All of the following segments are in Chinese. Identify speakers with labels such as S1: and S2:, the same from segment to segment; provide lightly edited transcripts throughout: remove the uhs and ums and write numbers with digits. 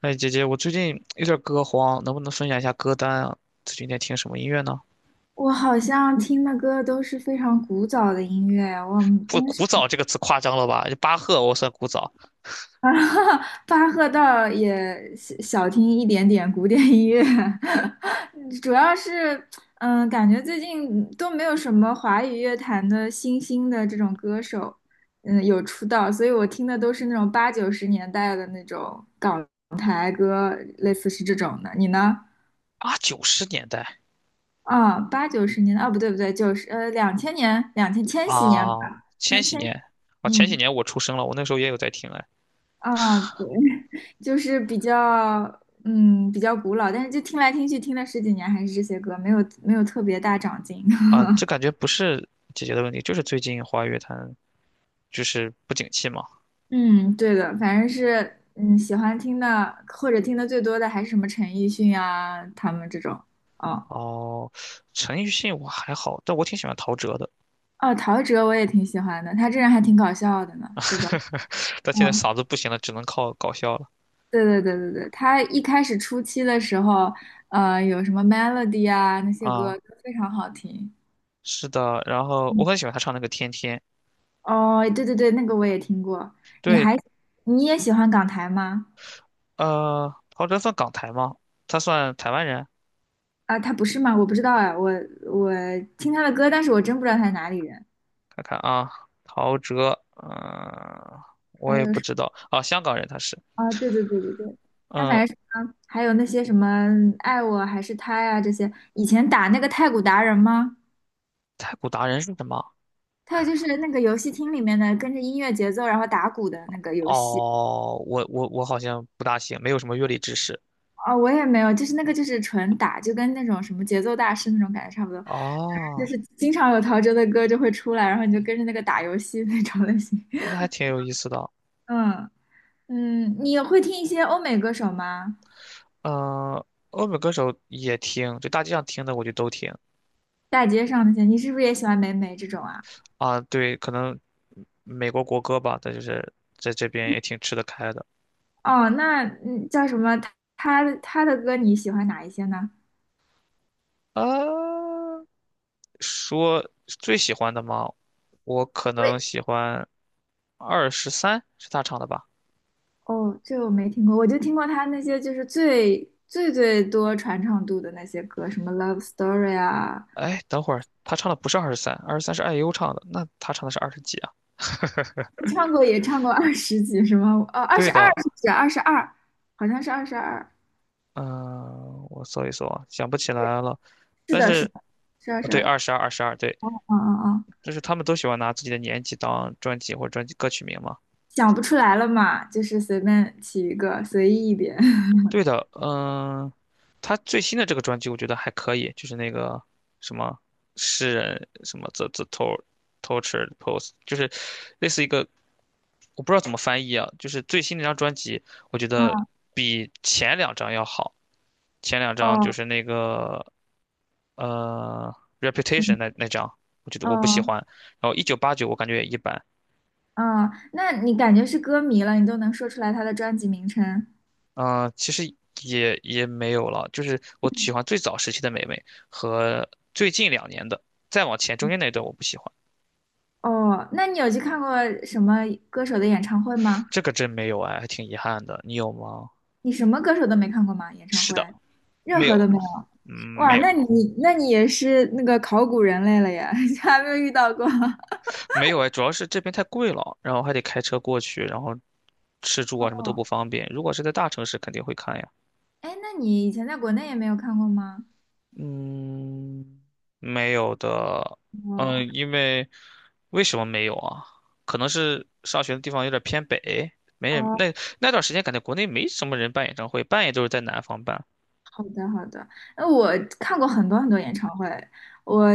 S1: 哎，姐姐，我最近有点歌荒，能不能分享一下歌单啊？最近在听什么音乐呢？
S2: 我好像听的歌都是非常古早的音乐，我们
S1: 不，
S2: 真是。
S1: 古早这个词夸张了吧？巴赫我算古早
S2: 啊，巴赫倒也小小听一点点古典音乐。主要是，感觉最近都没有什么华语乐坛的新兴的这种歌手，有出道，所以我听的都是那种八九十年代的那种港台歌，类似是这种的。你呢？
S1: 啊，90年代
S2: 啊、八九十年代啊，不对不对，九十两千年，千禧年吧，
S1: 啊，千
S2: 千
S1: 禧
S2: 千。
S1: 年啊，前几
S2: 嗯。
S1: 年我出生了，我那时候也有在听哎
S2: 啊，对。 就是比较，比较古老，但是就听来听去，听了十几年还是这些歌，没有特别大长进。
S1: 啊，这 感觉不是姐姐的问题，就是最近华语乐坛就是不景气嘛。
S2: 嗯，对的，反正是，喜欢听的或者听的最多的还是什么陈奕迅啊，他们这种。哦，
S1: 哦，陈奕迅我还好，但我挺喜欢陶喆的，
S2: 哦，陶喆我也挺喜欢的，他这人还挺搞笑的呢，对吧？
S1: 但现在
S2: 嗯，
S1: 嗓子不行了，只能靠搞笑了
S2: 对对对对对，他一开始初期的时候，有什么 Melody 啊那些歌
S1: 啊。
S2: 都非常好听。
S1: 是的，然后我
S2: 嗯，
S1: 很喜欢他唱那个《天天》。
S2: 哦，对对对，那个我也听过。你
S1: 对，
S2: 还你也喜欢港台吗？
S1: 陶喆算港台吗？他算台湾人？
S2: 啊，他不是吗？我不知道哎，我听他的歌，但是我真不知道他是哪里人。
S1: 看看啊，陶喆，嗯、我
S2: 还
S1: 也
S2: 有
S1: 不
S2: 什
S1: 知道啊，香港人他是，
S2: 啊，对对对对对，他反
S1: 嗯、
S2: 正是啊，还有那些什么爱我还是他呀这些，以前打那个太鼓达人吗？
S1: 太古达人是什么？
S2: 还有就是那个游戏厅里面的跟着音乐节奏然后打鼓的那个游戏。
S1: 哦，我好像不大行，没有什么乐理知识。
S2: 哦，我也没有，就是那个就是纯打，就跟那种什么节奏大师那种感觉差不多，就
S1: 哦，
S2: 是经常有陶喆的歌就会出来，然后你就跟着那个打游戏那种类型。
S1: 那 还挺有意思的。
S2: 嗯，嗯，你会听一些欧美歌手吗？
S1: 嗯、欧美歌手也听，就大街上听的我就都听
S2: 大街上那些，你是不是也喜欢霉霉这种啊？
S1: 啊。对，可能美国国歌吧，但就是在这边也挺吃得开的。
S2: 哦，那叫什么？他的歌你喜欢哪一些呢？
S1: 啊。说最喜欢的吗？我可
S2: 我
S1: 能
S2: 也
S1: 喜欢二十三，是他唱的吧？
S2: 哦，这个我没听过，我就听过他那些就是最最最多传唱度的那些歌，什么《Love Story》啊，
S1: 哎，等会儿他唱的不是二十三，二十三是 i 优唱的，那他唱的是20几啊？
S2: 你唱过也唱过二十几是吗？哦，二
S1: 对
S2: 十二
S1: 的，
S2: 是不是？二十二，好像是二十二。
S1: 嗯、我搜一搜啊想不起来了。
S2: 是
S1: 但
S2: 的，是的，
S1: 是，
S2: 是二
S1: 啊
S2: 十
S1: 对，
S2: 二。
S1: 二十二，二十二，对，
S2: 嗯嗯嗯，
S1: 就是他们都喜欢拿自己的年纪当专辑或者专辑歌曲名嘛。
S2: 想不出来了嘛，就是随便起一个，随意一点。
S1: 对的，嗯、他最新的这个专辑我觉得还可以，就是那个什么诗人什么 the tor t o r t u r e pose，就是类似一个我不知道怎么翻译啊，就是最新那张专辑，我觉得
S2: 嗯，
S1: 比前两张要好。前两张就
S2: 哦，
S1: 是那个呃
S2: 是吗？
S1: Reputation 那张，我觉得我不喜
S2: 哦，
S1: 欢。然后1989我感觉也一般，
S2: 哦，那你感觉是歌迷了，你都能说出来他的专辑名称。
S1: 嗯，其实也没有了，就是我喜欢最早时期的美味和最近2年的，再往前中间那段我不喜欢，
S2: 哦，那你有去看过什么歌手的演唱会吗？
S1: 这个真没有哎，还挺遗憾的。你有吗？
S2: 你什么歌手都没看过吗？演唱
S1: 是
S2: 会，
S1: 的，
S2: 任
S1: 没
S2: 何都
S1: 有，
S2: 没有。
S1: 嗯，
S2: 哇，
S1: 没有，
S2: 那你也是那个考古人类了呀，还没有遇到过。
S1: 没有哎，主要是这边太贵了，然后还得开车过去，然后吃住啊什么都不
S2: 哦，
S1: 方便。如果是在大城市，肯定会看呀。
S2: 哎，那你以前在国内也没有看过吗？
S1: 嗯，没有的，
S2: 哦，
S1: 嗯，因为为什么没有啊？可能是上学的地方有点偏北，没人。
S2: 哦，
S1: 那那段时间感觉国内没什么人办演唱会，办也都是在南方办。
S2: 好的好的。那我看过很多很多演唱会。我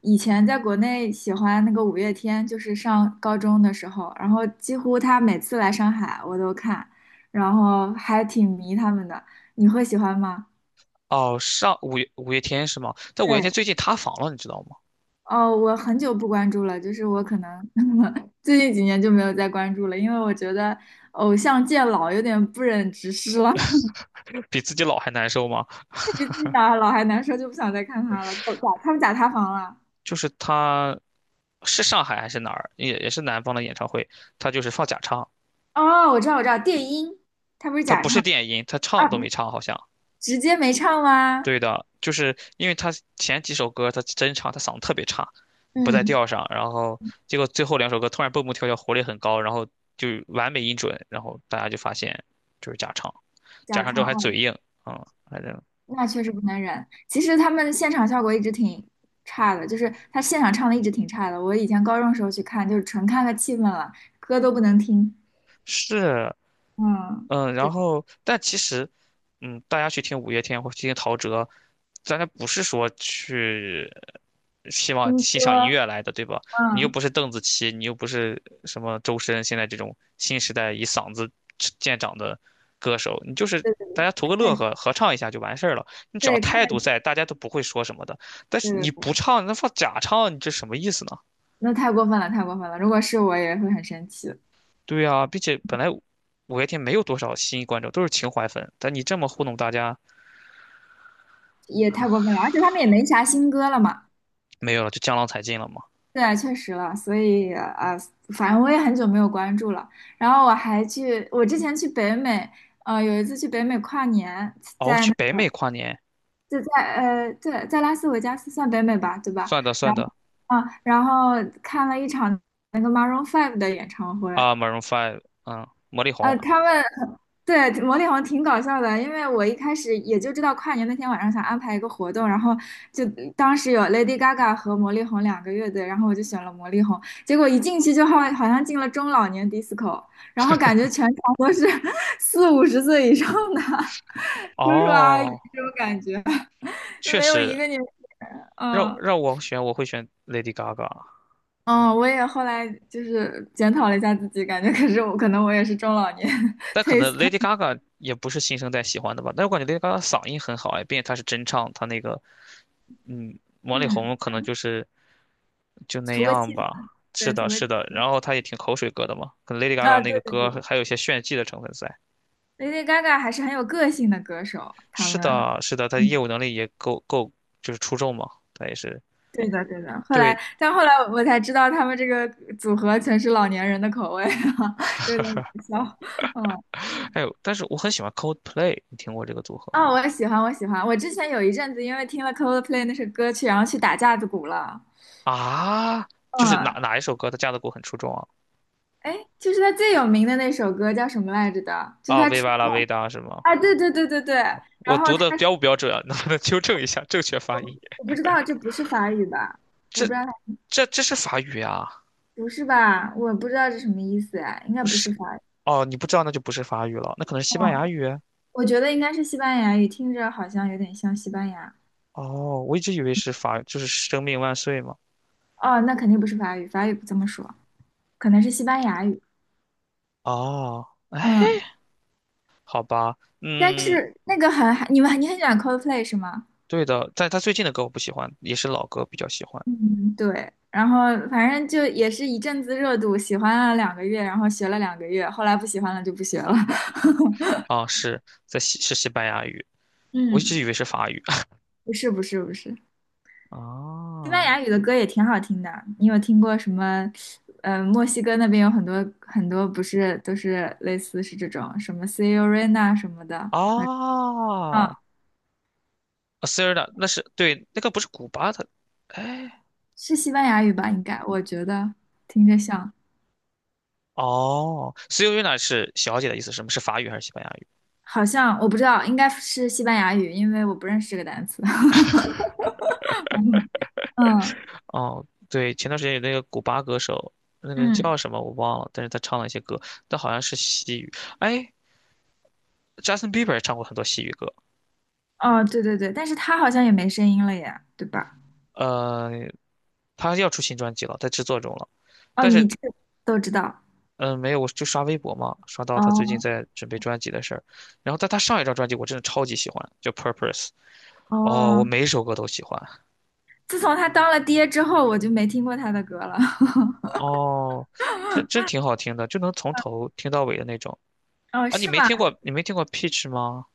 S2: 以前在国内喜欢那个五月天，就是上高中的时候，然后几乎他每次来上海我都看，然后还挺迷他们的。你会喜欢吗？
S1: 哦，上五月天是吗？但五月天
S2: 对，
S1: 最近塌房了，你知道吗？
S2: 哦，我很久不关注了，就是我可能 最近几年就没有再关注了，因为我觉得偶像见老有点不忍直视了。
S1: 比自己老还难受吗？
S2: 比自己打老还难受，就不想再看他了。哦他们假塌房了。
S1: 就是他是上海还是哪儿，也是南方的演唱会，他就是放假唱，
S2: 哦，我知道，我知道，电音，他不是
S1: 他
S2: 假
S1: 不
S2: 唱
S1: 是电音，他
S2: 啊，
S1: 唱都
S2: 不
S1: 没
S2: 是
S1: 唱好像。
S2: 直接没唱吗？
S1: 对的，就是因为他前几首歌他真唱，他嗓子特别差，不在
S2: 嗯，
S1: 调上，然后结果最后2首歌突然蹦蹦跳跳，活力很高，然后就完美音准，然后大家就发现就是假唱，假
S2: 假
S1: 唱之
S2: 唱，
S1: 后还
S2: 哦，
S1: 嘴硬，嗯，反正
S2: 那确实不能忍。其实他们现场效果一直挺差的，就是他现场唱的一直挺差的。我以前高中时候去看，就是纯看个气氛了，歌都不能听。
S1: 是
S2: 嗯。
S1: 嗯，然
S2: 对。
S1: 后但其实，嗯，大家去听五月天或去听陶喆，大家不是说去希望
S2: 听
S1: 欣赏音
S2: 歌，
S1: 乐来的，对吧？你又
S2: 嗯，
S1: 不是邓紫棋，你又不是什么周深，现在这种新时代以嗓子见长的歌手，你就是
S2: 对对对，
S1: 大家图个乐
S2: 看
S1: 呵，合唱一下就完事儿了。你只要
S2: 对，看
S1: 态
S2: 得
S1: 度
S2: 起
S1: 在，大家都不会说什么的。但
S2: 对
S1: 是
S2: 对
S1: 你
S2: 对，
S1: 不唱，那放假唱，你这什么意思呢？
S2: 那太过分了，太过分了。如果是我也会很生气，
S1: 对呀、并且本来五月天没有多少新观众，都是情怀粉，但你这么糊弄大家。
S2: 也太过分了。而且他们也没啥新歌了嘛，
S1: 没有了，就江郎才尽了嘛。
S2: 对啊，确实了。所以啊反正我也很久没有关注了。然后我还去，我之前去北美，有一次去北美跨年，
S1: 哦，
S2: 在
S1: 去
S2: 那
S1: 北美跨年，
S2: 就在，对，在拉斯维加斯算北美吧，对吧？
S1: 算的算
S2: 然后
S1: 的
S2: 啊，然后看了一场那个 Maroon Five 的演唱会，
S1: 啊，Maroon 5，嗯，魔力红。
S2: 他们对魔力红挺搞笑的，因为我一开始也就知道跨年那天晚上想安排一个活动，然后就当时有 Lady Gaga 和魔力红两个乐队，然后我就选了魔力红，结果一进去就好像进了中老年 disco，然后感觉全场都是 四五十岁以上的 叔叔阿姨
S1: 哦，
S2: 这种感觉，
S1: 确
S2: 没有一
S1: 实，
S2: 个年，
S1: 让
S2: 嗯，
S1: 让我选，我会选 Lady Gaga，
S2: 嗯，我也后来就是检讨了一下自己，感觉可是我可能我也是中老年。
S1: 但可能 Lady Gaga 也不是新生代喜欢的吧。但我感觉 Lady Gaga 嗓音很好哎，并且她是真唱，她那个嗯，魔力红
S2: 嗯，
S1: 可能就是就那
S2: 图个气
S1: 样
S2: 氛，
S1: 吧。是
S2: 对，图
S1: 的，
S2: 个。
S1: 是的，然后她也挺口水歌的嘛，可能 Lady Gaga
S2: 啊，
S1: 那个
S2: 对对
S1: 歌
S2: 对
S1: 还有一些炫技的成分在。
S2: ，Lady Gaga 还是很有个性的歌手，他
S1: 是
S2: 们，
S1: 的，是的，她
S2: 嗯，
S1: 业务能力也够够，就是出众嘛，她也是。
S2: 对的对的。
S1: 对，
S2: 但后来我才知道他们这个组合全是老年人的口味。哈，有点搞笑。嗯，
S1: 还有，但是我很喜欢 Coldplay，你听过这个组合吗？
S2: 哦，我喜欢，我喜欢。我之前有一阵子因为听了 Coldplay 那首歌曲，然后去打架子鼓了。
S1: 啊，就是哪
S2: 嗯，
S1: 哪一首歌他架子鼓很出众啊？
S2: 哎，就是他最有名的那首歌叫什么来着的？就是
S1: 啊
S2: 他出
S1: ，Viva la
S2: 道
S1: vida 是吗？
S2: 啊，对对对对对。然
S1: 我
S2: 后
S1: 读
S2: 他，
S1: 的标不标准啊？能不能纠正一下正确发音？
S2: 我不知道这不是法语吧？我不
S1: 这
S2: 知道，
S1: 这是法语啊？
S2: 不是吧？我不知道这什么意思哎，应该
S1: 不
S2: 不是
S1: 是
S2: 法语。
S1: 哦，你不知道那就不是法语了，那可能是西班牙
S2: 哦，
S1: 语。
S2: 我觉得应该是西班牙语，听着好像有点像西班牙。
S1: 哦，我一直以为是法，就是生命万岁嘛。
S2: 哦，那肯定不是法语，法语不这么说，可能是西班牙语。
S1: 哦，哎，
S2: 嗯，
S1: 好吧，
S2: 但
S1: 嗯，
S2: 是那个很，你很喜欢 Coldplay 是吗？
S1: 对的，但他最近的歌我不喜欢，也是老歌比较喜欢。
S2: 嗯，对。然后反正就也是一阵子热度，喜欢了两个月，然后学了两个月，后来不喜欢了就不学了。
S1: 啊，是在西是西班牙语，我一直
S2: 嗯，
S1: 以为是法语。
S2: 不是不是不是，西班
S1: 哦
S2: 牙语的歌也挺好听的。你有听过什么？墨西哥那边有很多很多，不是都是类似是这种什么 Selena 什么的。嗯，
S1: 哦，啊 s e r e a 那是对，那个不是古巴的，哎，
S2: 是西班牙语吧？应该，我觉得听着像，
S1: 哦 s e r e n a 是小姐的意思，什么是法语还是西班牙语？
S2: 好像我不知道，应该是西班牙语，因为我不认识这个单词。嗯，
S1: 哦，对，前段时间有那个古巴歌手，那个人
S2: 嗯，
S1: 叫什么我忘了，但是他唱了一些歌，但好像是西语。哎，Justin Bieber 也唱过很多西语歌，
S2: 哦，对对对，但是他好像也没声音了耶，对吧？
S1: 呃，他要出新专辑了，在制作中了，
S2: 哦，
S1: 但
S2: 你
S1: 是。
S2: 这个都知道。
S1: 嗯，没有，我就刷微博嘛，刷到他最近
S2: 哦，
S1: 在准备专辑的事儿，然后但他上一张专辑我真的超级喜欢，叫《Purpose》。哦，我
S2: 哦，
S1: 每首歌都喜欢。
S2: 自从他当了爹之后，我就没听过他的歌了。
S1: 哦，真挺好听的，就能从头听到尾的那种。
S2: 哦，
S1: 啊，你
S2: 是
S1: 没
S2: 吗？
S1: 听过你没听过 Peach 吗？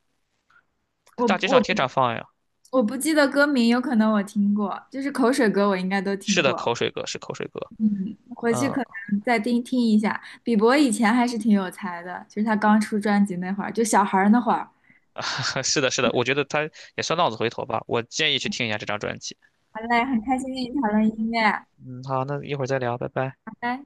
S1: 在
S2: 我
S1: 大街上
S2: 我
S1: 经
S2: 不
S1: 常放呀。
S2: 我不记得歌名，有可能我听过，就是口水歌，我应该都
S1: 是
S2: 听
S1: 的，
S2: 过。
S1: 口水歌是口水歌。
S2: 嗯，回去
S1: 嗯，
S2: 可能再听听一下。比伯以前还是挺有才的，就是他刚出专辑那会儿，就小孩儿那会儿。
S1: 是的，是的，我觉得他也算浪子回头吧。我建议去听一下这张专辑。
S2: 好嘞，很开心跟你讨论音乐，
S1: 嗯，好，那一会儿再聊，拜拜。
S2: 拜拜。